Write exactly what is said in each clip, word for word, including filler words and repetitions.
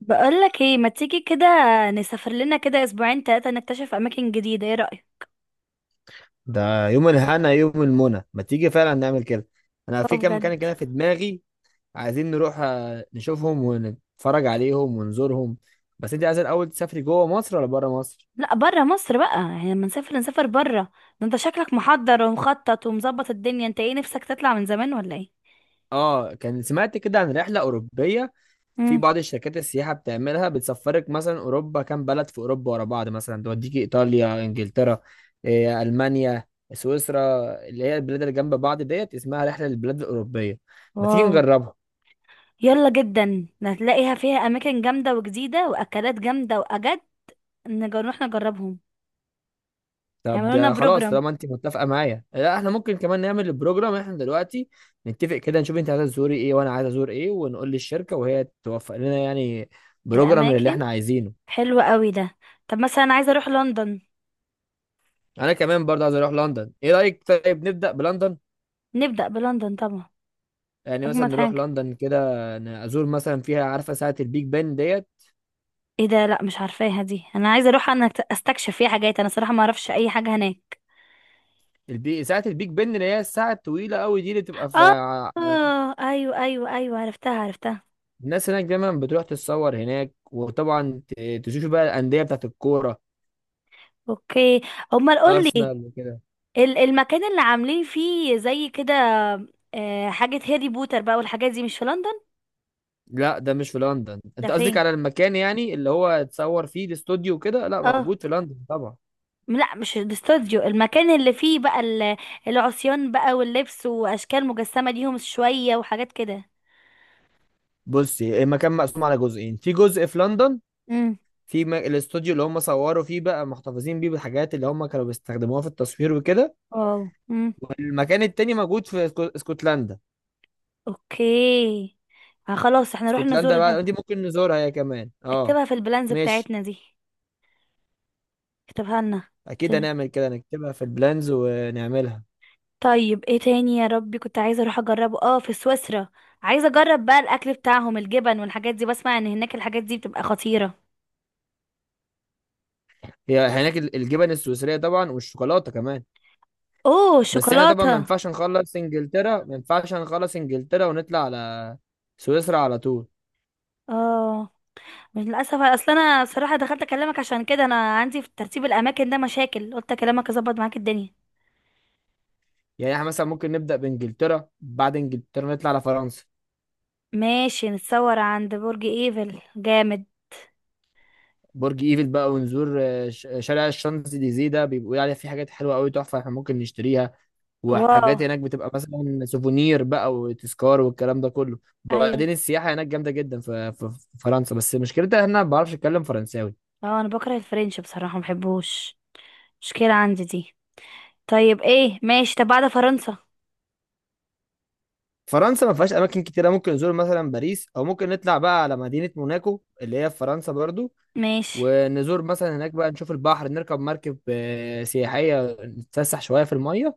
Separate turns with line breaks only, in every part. بقولك ايه؟ ما تيجي كده نسافر لنا كده اسبوعين تلاتة نكتشف اماكن جديدة؟ ايه رأيك؟
ده يوم الهنا يوم المنى، ما تيجي فعلا نعمل كده. انا
اه،
في كام
بجد.
مكان كده في دماغي. عايزين نروح آه، نشوفهم ونتفرج عليهم ونزورهم. بس انت عايز الاول تسافري جوه مصر ولا بره مصر؟
لا برا مصر بقى، يعني لما نسافر نسافر برا. ده انت شكلك محضر ومخطط ومظبط الدنيا، انت ايه نفسك تطلع من زمان ولا ايه؟
اه، كان سمعت كده عن رحله اوروبيه. في
امم
بعض الشركات السياحه بتعملها، بتسفرك مثلا اوروبا، كام بلد في اوروبا ورا بعض، مثلا توديكي ايطاليا، انجلترا، إيه، المانيا، سويسرا، اللي هي البلاد اللي جنب بعض ديت، اسمها رحله للبلاد الاوروبيه. ما تيجي
واو،
نجربها؟
يلا جدا هتلاقيها فيها اماكن جامدة وجديدة واكلات جامدة واجد. نج- نروح نجربهم.
طب
يعملوا لنا
ده خلاص،
بروجرام
طالما انت متفقه معايا، لا احنا ممكن كمان نعمل البروجرام احنا دلوقتي. نتفق كده، نشوف انت عايزه تزوري ايه وانا عايز ازور ايه، ونقول للشركه وهي توفق لنا يعني بروجرام اللي
الاماكن.
احنا عايزينه.
حلوة قوي ده. طب مثلا عايزة اروح لندن.
انا كمان برضه عايز اروح لندن، ايه رايك؟ طيب نبدا بلندن.
نبدأ بلندن طبعا.
يعني مثلا
اجمد
نروح
حاجة.
لندن كده، ن- ازور مثلا فيها، عارفه ساعه البيج بن ديت؟
ايه ده؟ لا مش عارفاها دي، انا عايزه اروح انا أت- استكشف فيها حاجات، انا صراحه ما اعرفش اي حاجه هناك.
البي... ساعه البيج بن اللي هي الساعه الطويله قوي دي، اللي بتبقى في
اه.
ع-
آه، ايوه ايوه ايوه، عرفتها عرفتها.
الناس هناك دايما بتروح تتصور هناك، وطبعا ت- تشوفوا بقى الانديه بتاعت الكوره،
اوكي، امال قول لي
ارسنال وكده.
المكان اللي عاملين فيه زي كده. آه، حاجه هاري بوتر بقى والحاجات دي مش في لندن؟
لا، ده مش في لندن.
ده
انت قصدك
فين؟
على المكان يعني اللي هو اتصور فيه، الاستوديو وكده، لا
اه،
موجود في لندن طبعا.
لا مش الاستوديو، المكان اللي فيه بقى ال- العصيان بقى واللبس واشكال مجسمه ليهم شويه وحاجات كده.
بصي، المكان مقسوم على جزئين، في جزء في لندن،
امم
في م- الاستوديو اللي هم صوروا فيه، بقى محتفظين بيه بالحاجات اللي هم كانوا بيستخدموها في التصوير وكده.
واو. امم
والمكان التاني موجود في اسكو- اسكتلندا.
اوكي. آه، خلاص احنا نروح نزور
اسكتلندا
ده.
بقى دي ممكن نزورها هي كمان، اه.
اكتبها في البلانز
ماشي،
بتاعتنا دي، اكتبها لنا. ت-.
اكيد هنعمل كده، نكتبها في البلانز ونعملها.
طيب ايه تاني يا ربي، كنت عايزه اروح اجربه اه في سويسرا. عايزه اجرب بقى الاكل بتاعهم، الجبن والحاجات دي، بسمع ان هناك الحاجات دي بتبقى خطيره.
هي هناك ال- الجبن السويسرية طبعا، والشوكولاتة كمان.
اوه،
بس احنا طبعا
الشوكولاته.
ما ينفعش نخلص انجلترا ما ينفعش نخلص انجلترا ونطلع على سويسرا على طول.
اه، مش للاسف. اصل انا صراحه دخلت اكلمك عشان كده، انا عندي في ترتيب الاماكن ده مشاكل، قلت اكلمك اظبط معاك الدنيا.
يعني احنا مثلا ممكن نبدأ بانجلترا، بعد انجلترا نطلع على فرنسا.
ماشي، نتصور عند برج ايفل جامد.
برج ايفل بقى، ونزور آه، ش- شارع الشانزليزيه، ده بيبقوا عليه في حاجات حلوه قوي تحفه احنا ممكن نشتريها.
واو.
وحاجات هناك بتبقى مثلا سوفونير بقى، وتذكار، والكلام ده كله.
ايوه.
وبعدين السياحه هناك جامده جدا في في- في فرنسا، بس مشكلتها ان انا ما بعرفش اتكلم فرنساوي.
اه انا بكره الفرنش بصراحه، ما بحبوش، مشكله عندي دي. طيب ايه ماشي، طب بعد فرنسا؟
فرنسا ما فيهاش اماكن كتيره، ممكن نزور مثلا باريس، او ممكن نطلع بقى على مدينه موناكو اللي هي في فرنسا برضو.
ماشي.
ونزور مثلا هناك بقى، نشوف البحر، نركب مركب آه، سياحيه، نتفسح شويه في الميه.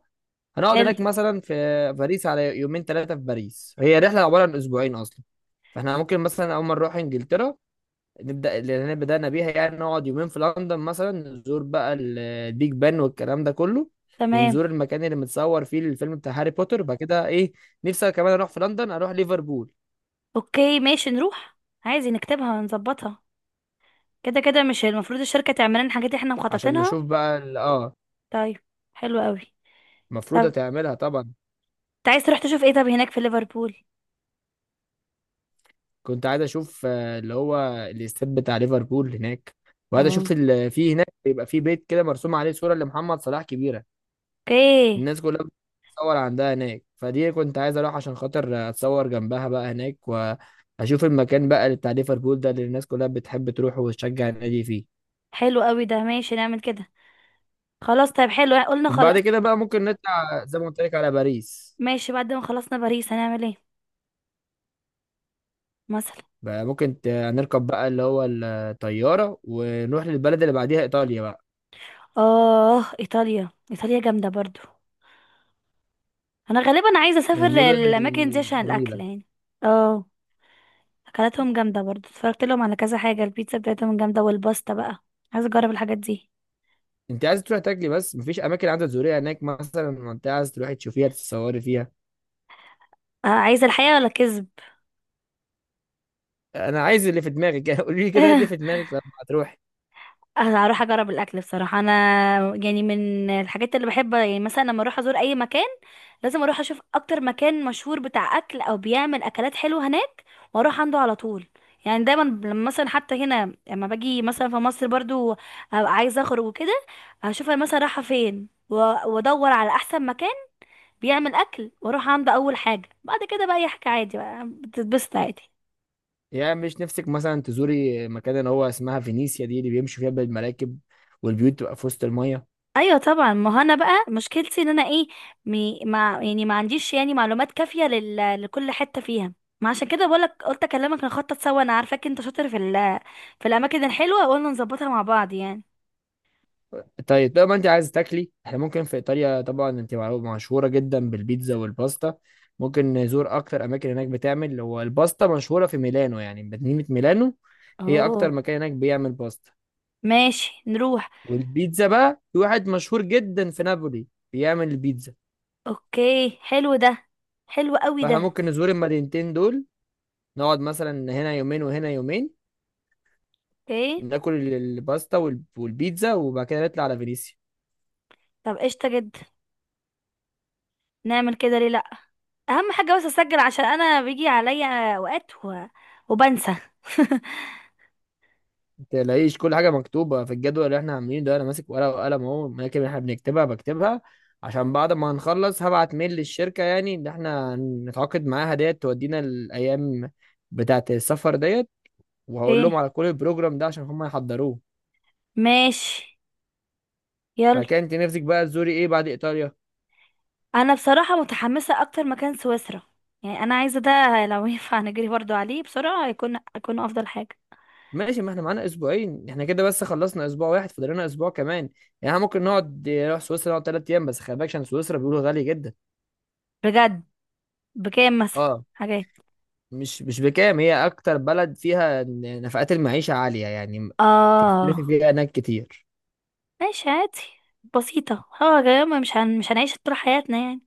هنقعد
حلو.
هناك مثلا في باريس على يومين ثلاثه، في باريس. هي رحله عباره عن اسبوعين اصلا. فاحنا ممكن مثلا اول ما نروح انجلترا، نبدا اللي احنا بدانا بيها يعني، نقعد يومين في لندن مثلا، نزور بقى ال- البيج بان والكلام ده كله.
تمام.
ونزور المكان اللي متصور فيه الفيلم بتاع هاري بوتر. بعد كده ايه، نفسي كمان اروح في لندن اروح ليفربول.
اوكي ماشي نروح. عايزين نكتبها ونظبطها، كده كده مش المفروض الشركة تعمل لنا حاجات احنا
عشان
مخططينها؟
نشوف بقى ال- اه
طيب. حلو قوي.
المفروض
طب
هتعملها طبعا.
انت عايز تروح تشوف ايه طب هناك في ليفربول؟
كنت عايز اشوف آه، اللي هو الاستاد بتاع ليفربول هناك. وعايز اشوف
اه.
ال- في هناك بيبقى في بيت كده مرسوم عليه صورة لمحمد صلاح كبيرة.
اوكي.
الناس كلها بتتصور عندها هناك، فدي كنت عايز اروح عشان خاطر اتصور جنبها بقى هناك، واشوف المكان بقى اللي بتاع ليفربول ده، اللي الناس كلها بتحب تروح وتشجع النادي فيه.
حلو قوي ده، ماشي نعمل كده. خلاص طيب، حلو، قلنا خلاص.
بعد كده بقى ممكن نطلع زي ما قلت لك على باريس.
ماشي، بعد ما خلصنا باريس هنعمل ايه مثلا؟
بقى ممكن ت- نركب بقى اللي هو الطيارة، ونروح للبلد اللي بعديها، ايطاليا بقى،
اه، ايطاليا، ايطاليا جامدة برضو. انا غالبا عايزة
من
اسافر
المدن
الاماكن دي عشان الاكل
الجميلة.
يعني. اه، اكلاتهم جامده برضه، اتفرجت لهم على كذا حاجه، البيتزا بتاعتهم جامده والباستا بقى. عايزه اجرب الحاجات دي.
انت عايز تروح تاكلي بس؟ مفيش اماكن عايزه تزوريها هناك مثلا؟ منطقه عايز تروحي تشوفيها تتصوري فيها.
آه، عايزه الحقيقه ولا كذب.
انا عايز اللي في دماغك. قولي لي كده، إيه اللي في دماغك لما هتروحي؟
أنا هروح اجرب الاكل بصراحه، انا يعني من الحاجات اللي بحب، يعني مثلا لما اروح ازور اي مكان لازم اروح اشوف اكتر مكان مشهور بتاع اكل او بيعمل اكلات حلوه هناك واروح عنده على طول. يعني دايما لما مثلا حتى هنا لما باجي مثلا في مصر برضو، أبقى عايزه اخرج وكده، اشوف انا مثلا رايحه فين و- وادور على احسن مكان بيعمل اكل واروح عامله اول حاجه، بعد كده بقى يحكي عادي بقى، بتتبسط عادي.
يعني مش نفسك مثلا تزوري مكان اللي هو اسمها فينيسيا دي، اللي بيمشوا فيها بالمراكب والبيوت تبقى في وسط المية؟
ايوه طبعا، ما هو انا بقى مشكلتي ان انا ايه، مي مع يعني ما عنديش يعني معلومات كافيه لل... لكل حته فيها، ما عشان كده بقولك، قلت اكلمك نخطط سوا، انا عارفاك انت شاطر في ال... في الاماكن الحلوه، قلنا نظبطها مع بعض يعني.
طيب طب ما انت عايز تاكلي، احنا ممكن في ايطاليا طبعا، انت معروف- مشهورة جدا بالبيتزا والباستا. ممكن نزور اكتر اماكن هناك بتعمل، هو الباستا مشهورة في ميلانو يعني، مدينة ميلانو، هي
اوه.
اكتر مكان هناك بيعمل باستا.
ماشي نروح.
والبيتزا بقى في واحد مشهور جدا في نابولي بيعمل البيتزا.
اوكي، حلو ده. حلو قوي
فاحنا
ده.
ممكن نزور المدينتين دول، نقعد مثلا هنا يومين وهنا يومين،
اوكي.
ناكل ال- الباستا وال- والبيتزا، وبعد كده نطلع على فينيسيا.
طب قشطه جدا، نعمل كده ليه لا. اهم حاجه بس اسجل، عشان انا بيجي عليا اوقات و... وبنسى.
تلاقيش كل حاجه مكتوبه في الجدول اللي احنا عاملينه ده، انا ماسك ورقه وقلم اهو، الاماكن اللي احنا بنكتبها بكتبها، عشان بعد ما هنخلص هبعت ميل للشركه يعني، ان احنا نتعاقد معاها ديت، تودينا الايام بتاعه السفر ديت، وهقول
ايه.
لهم على كل البروجرام ده عشان هم يحضروه.
ماشي. يلا.
بعد كده انت نفسك بقى تزوري ايه بعد ايطاليا؟
انا بصراحه متحمسه اكتر مكان سويسرا، يعني انا عايزه ده لو ينفع نجري برضو عليه بسرعه يكون يكون افضل حاجه.
ماشي، ما احنا معانا اسبوعين، احنا كده بس خلصنا اسبوع واحد، فاضل لنا اسبوع كمان. يعني احنا ممكن نقعد نروح سويسرا، نقعد تلات ايام بس. خلي بالك عشان سويسرا بيقولوا غالي جدا.
بجد؟ بكام مثلا
اه،
حاجات؟
مش مش بكام، هي اكتر بلد فيها ن- نفقات المعيشة عالية يعني، م- تصرفي
اه،
فيها هناك كتير.
ماشي عادي، بسيطه. اه يا جماعة، مش هن... مش هنعيش طول حياتنا يعني.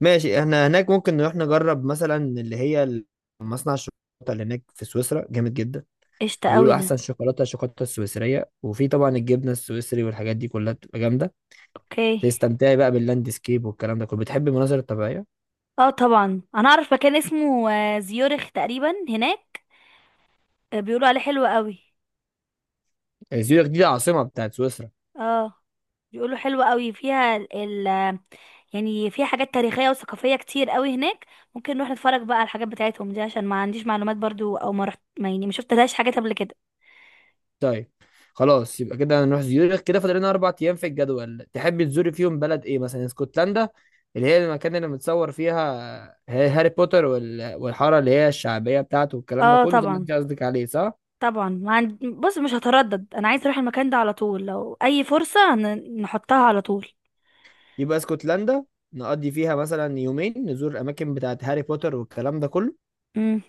ماشي، احنا هناك ممكن نروح نجرب مثلا اللي هي ال- مصنع الشوكولاتة اللي هناك في سويسرا، جامد جدا.
قشطه قوي
بيقولوا
ده.
احسن شوكولاتة الشوكولاتة السويسرية، وفي طبعا الجبنة السويسري والحاجات دي كلها بتبقى جامدة.
اوكي.
تستمتعي بقى باللاندسكيب والكلام ده كله، بتحبي المناظر الطبيعية.
اه طبعا، انا اعرف مكان اسمه آه، زيورخ تقريبا هناك. آه، بيقولوا عليه حلو قوي.
آه، زيورخ دي العاصمة بتاعت سويسرا.
اه، بيقولوا حلوة قوي فيها ال ال- يعني فيها حاجات تاريخية وثقافية كتير قوي هناك، ممكن نروح نتفرج بقى على الحاجات بتاعتهم دي، عشان ما عنديش معلومات برضو او ما رحت، ما يعني ما شفتلهاش حاجات قبل كده.
طيب خلاص، يبقى كده هنروح زيورخ. كده فاضل لنا اربع ايام في الجدول، تحب تزور فيهم بلد ايه مثلا؟ اسكتلندا، اللي هي المكان اللي متصور فيها ها- هاري بوتر، وال- والحاره اللي هي الشعبيه بتاعته والكلام ده
اه
كله، ده اللي
طبعا.
انت قصدك عليه صح؟
طبعا، ما عند... بص مش هتردد، انا عايز اروح المكان ده على طول، لو اي فرصة ن- نحطها على طول.
يبقى اسكتلندا، نقضي فيها مثلا يومين، نزور الاماكن بتاعت هاري بوتر والكلام ده كله.
امم.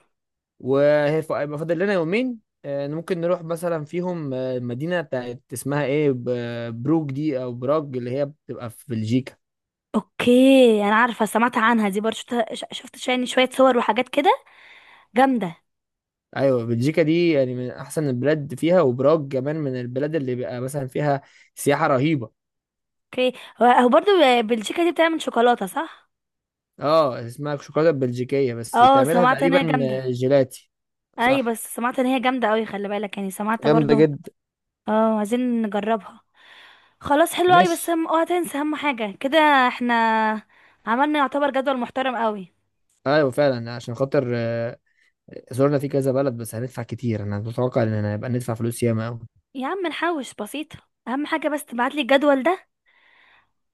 وهيبقى فاضل لنا يومين، آه، ممكن نروح مثلا فيهم آه، المدينه بتاعت اسمها ايه، ب- بروج دي او براج اللي هي بتبقى في بلجيكا.
اوكي انا عارفة، سمعت عنها دي برضو، شفت ش- شفت يعني شوية صور وحاجات كده جامدة.
ايوه بلجيكا دي يعني من احسن البلاد فيها، وبراج كمان من البلاد اللي بيبقى مثلا فيها سياحه رهيبه.
اوكي، هو هو برضو بلجيكا دي بتعمل شوكولاتة صح؟
اه، اسمها الشوكولاته البلجيكيه بس،
اه
بتعملها
سمعت ان هي
تقريبا
جامدة.
آه، جيلاتي.
اي
صح،
بس سمعت ان هي جامده قوي، خلي بالك، يعني سمعت برضو.
جامده جدا.
اه عايزين نجربها. خلاص حلو قوي، بس
مش
هم اوعى تنسى اهم حاجه كده، احنا عملنا يعتبر جدول محترم قوي.
ايوه فعلا. عشان خاطر آه، زرنا في كذا بلد بس هندفع كتير، انا متوقع ان هيبقى ندفع فلوس ياما قوي.
يا عم نحوش، بسيطه. اهم حاجه بس تبعت لي الجدول ده،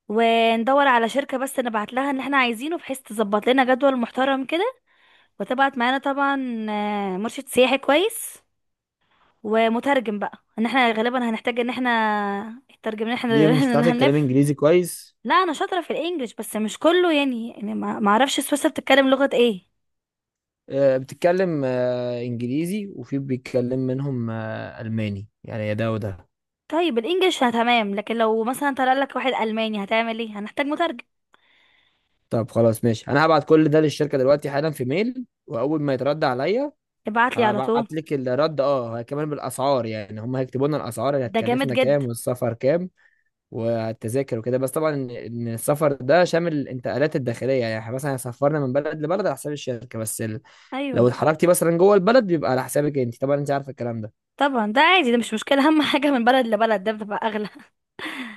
وندور على شركه، بس نبعت لها اللي احنا عايزينه بحيث تظبط لنا جدول محترم كده، وتبعت معانا طبعا آه، مرشد سياحي كويس، ومترجم بقى، ان احنا غالبا هنحتاج ان احنا الترجمة، ان احنا
ليه، مش
اللي
بتعرف تتكلم
هنلف.
انجليزي كويس؟
لا انا شاطره في الانجليش، بس مش كله يعني، يعني ما ما اعرفش سويسرا بتتكلم لغه ايه.
آه، بتتكلم آه، انجليزي، وفي بيتكلم منهم آه، الماني يعني، يا ده وده.
طيب الانجليش انا تمام، لكن لو مثلا طلع لك واحد الماني هتعمل ايه؟ هنحتاج مترجم.
طب خلاص ماشي، انا هبعت كل ده للشركه دلوقتي حالا في ميل، واول ما يترد عليا
ابعت لي على طول.
هبعت لك الرد، اه، كمان بالاسعار، يعني هم هيكتبوا لنا الاسعار اللي
ده جامد
هتكلفنا
جدا.
كام، والسفر كام، والتذاكر وكده. بس طبعا ان إن السفر ده شامل الانتقالات الداخليه، يعني إحنا مثلا هيسفرنا من بلد لبلد على حساب الشركه، بس ال... لو
ايوه
اتحركتي مثلا جوه البلد بيبقى على حسابك انت طبعا، انت عارفه الكلام ده.
طبعا، ده عادي، ده مش مشكله، اهم حاجه من بلد لبلد ده بتبقى اغلى.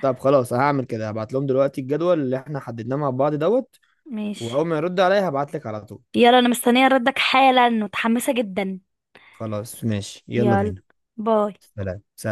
طب خلاص، هعمل كده هبعت لهم دلوقتي الجدول اللي احنا حددناه مع بعض دوت.
ماشي.
واول ما يرد عليا هبعت لك على طول.
يلا انا مستنيه ردك حالا، متحمسه جدا.
خلاص ماشي، يلا
يلا.
بينا.
باي.
سلام سلام.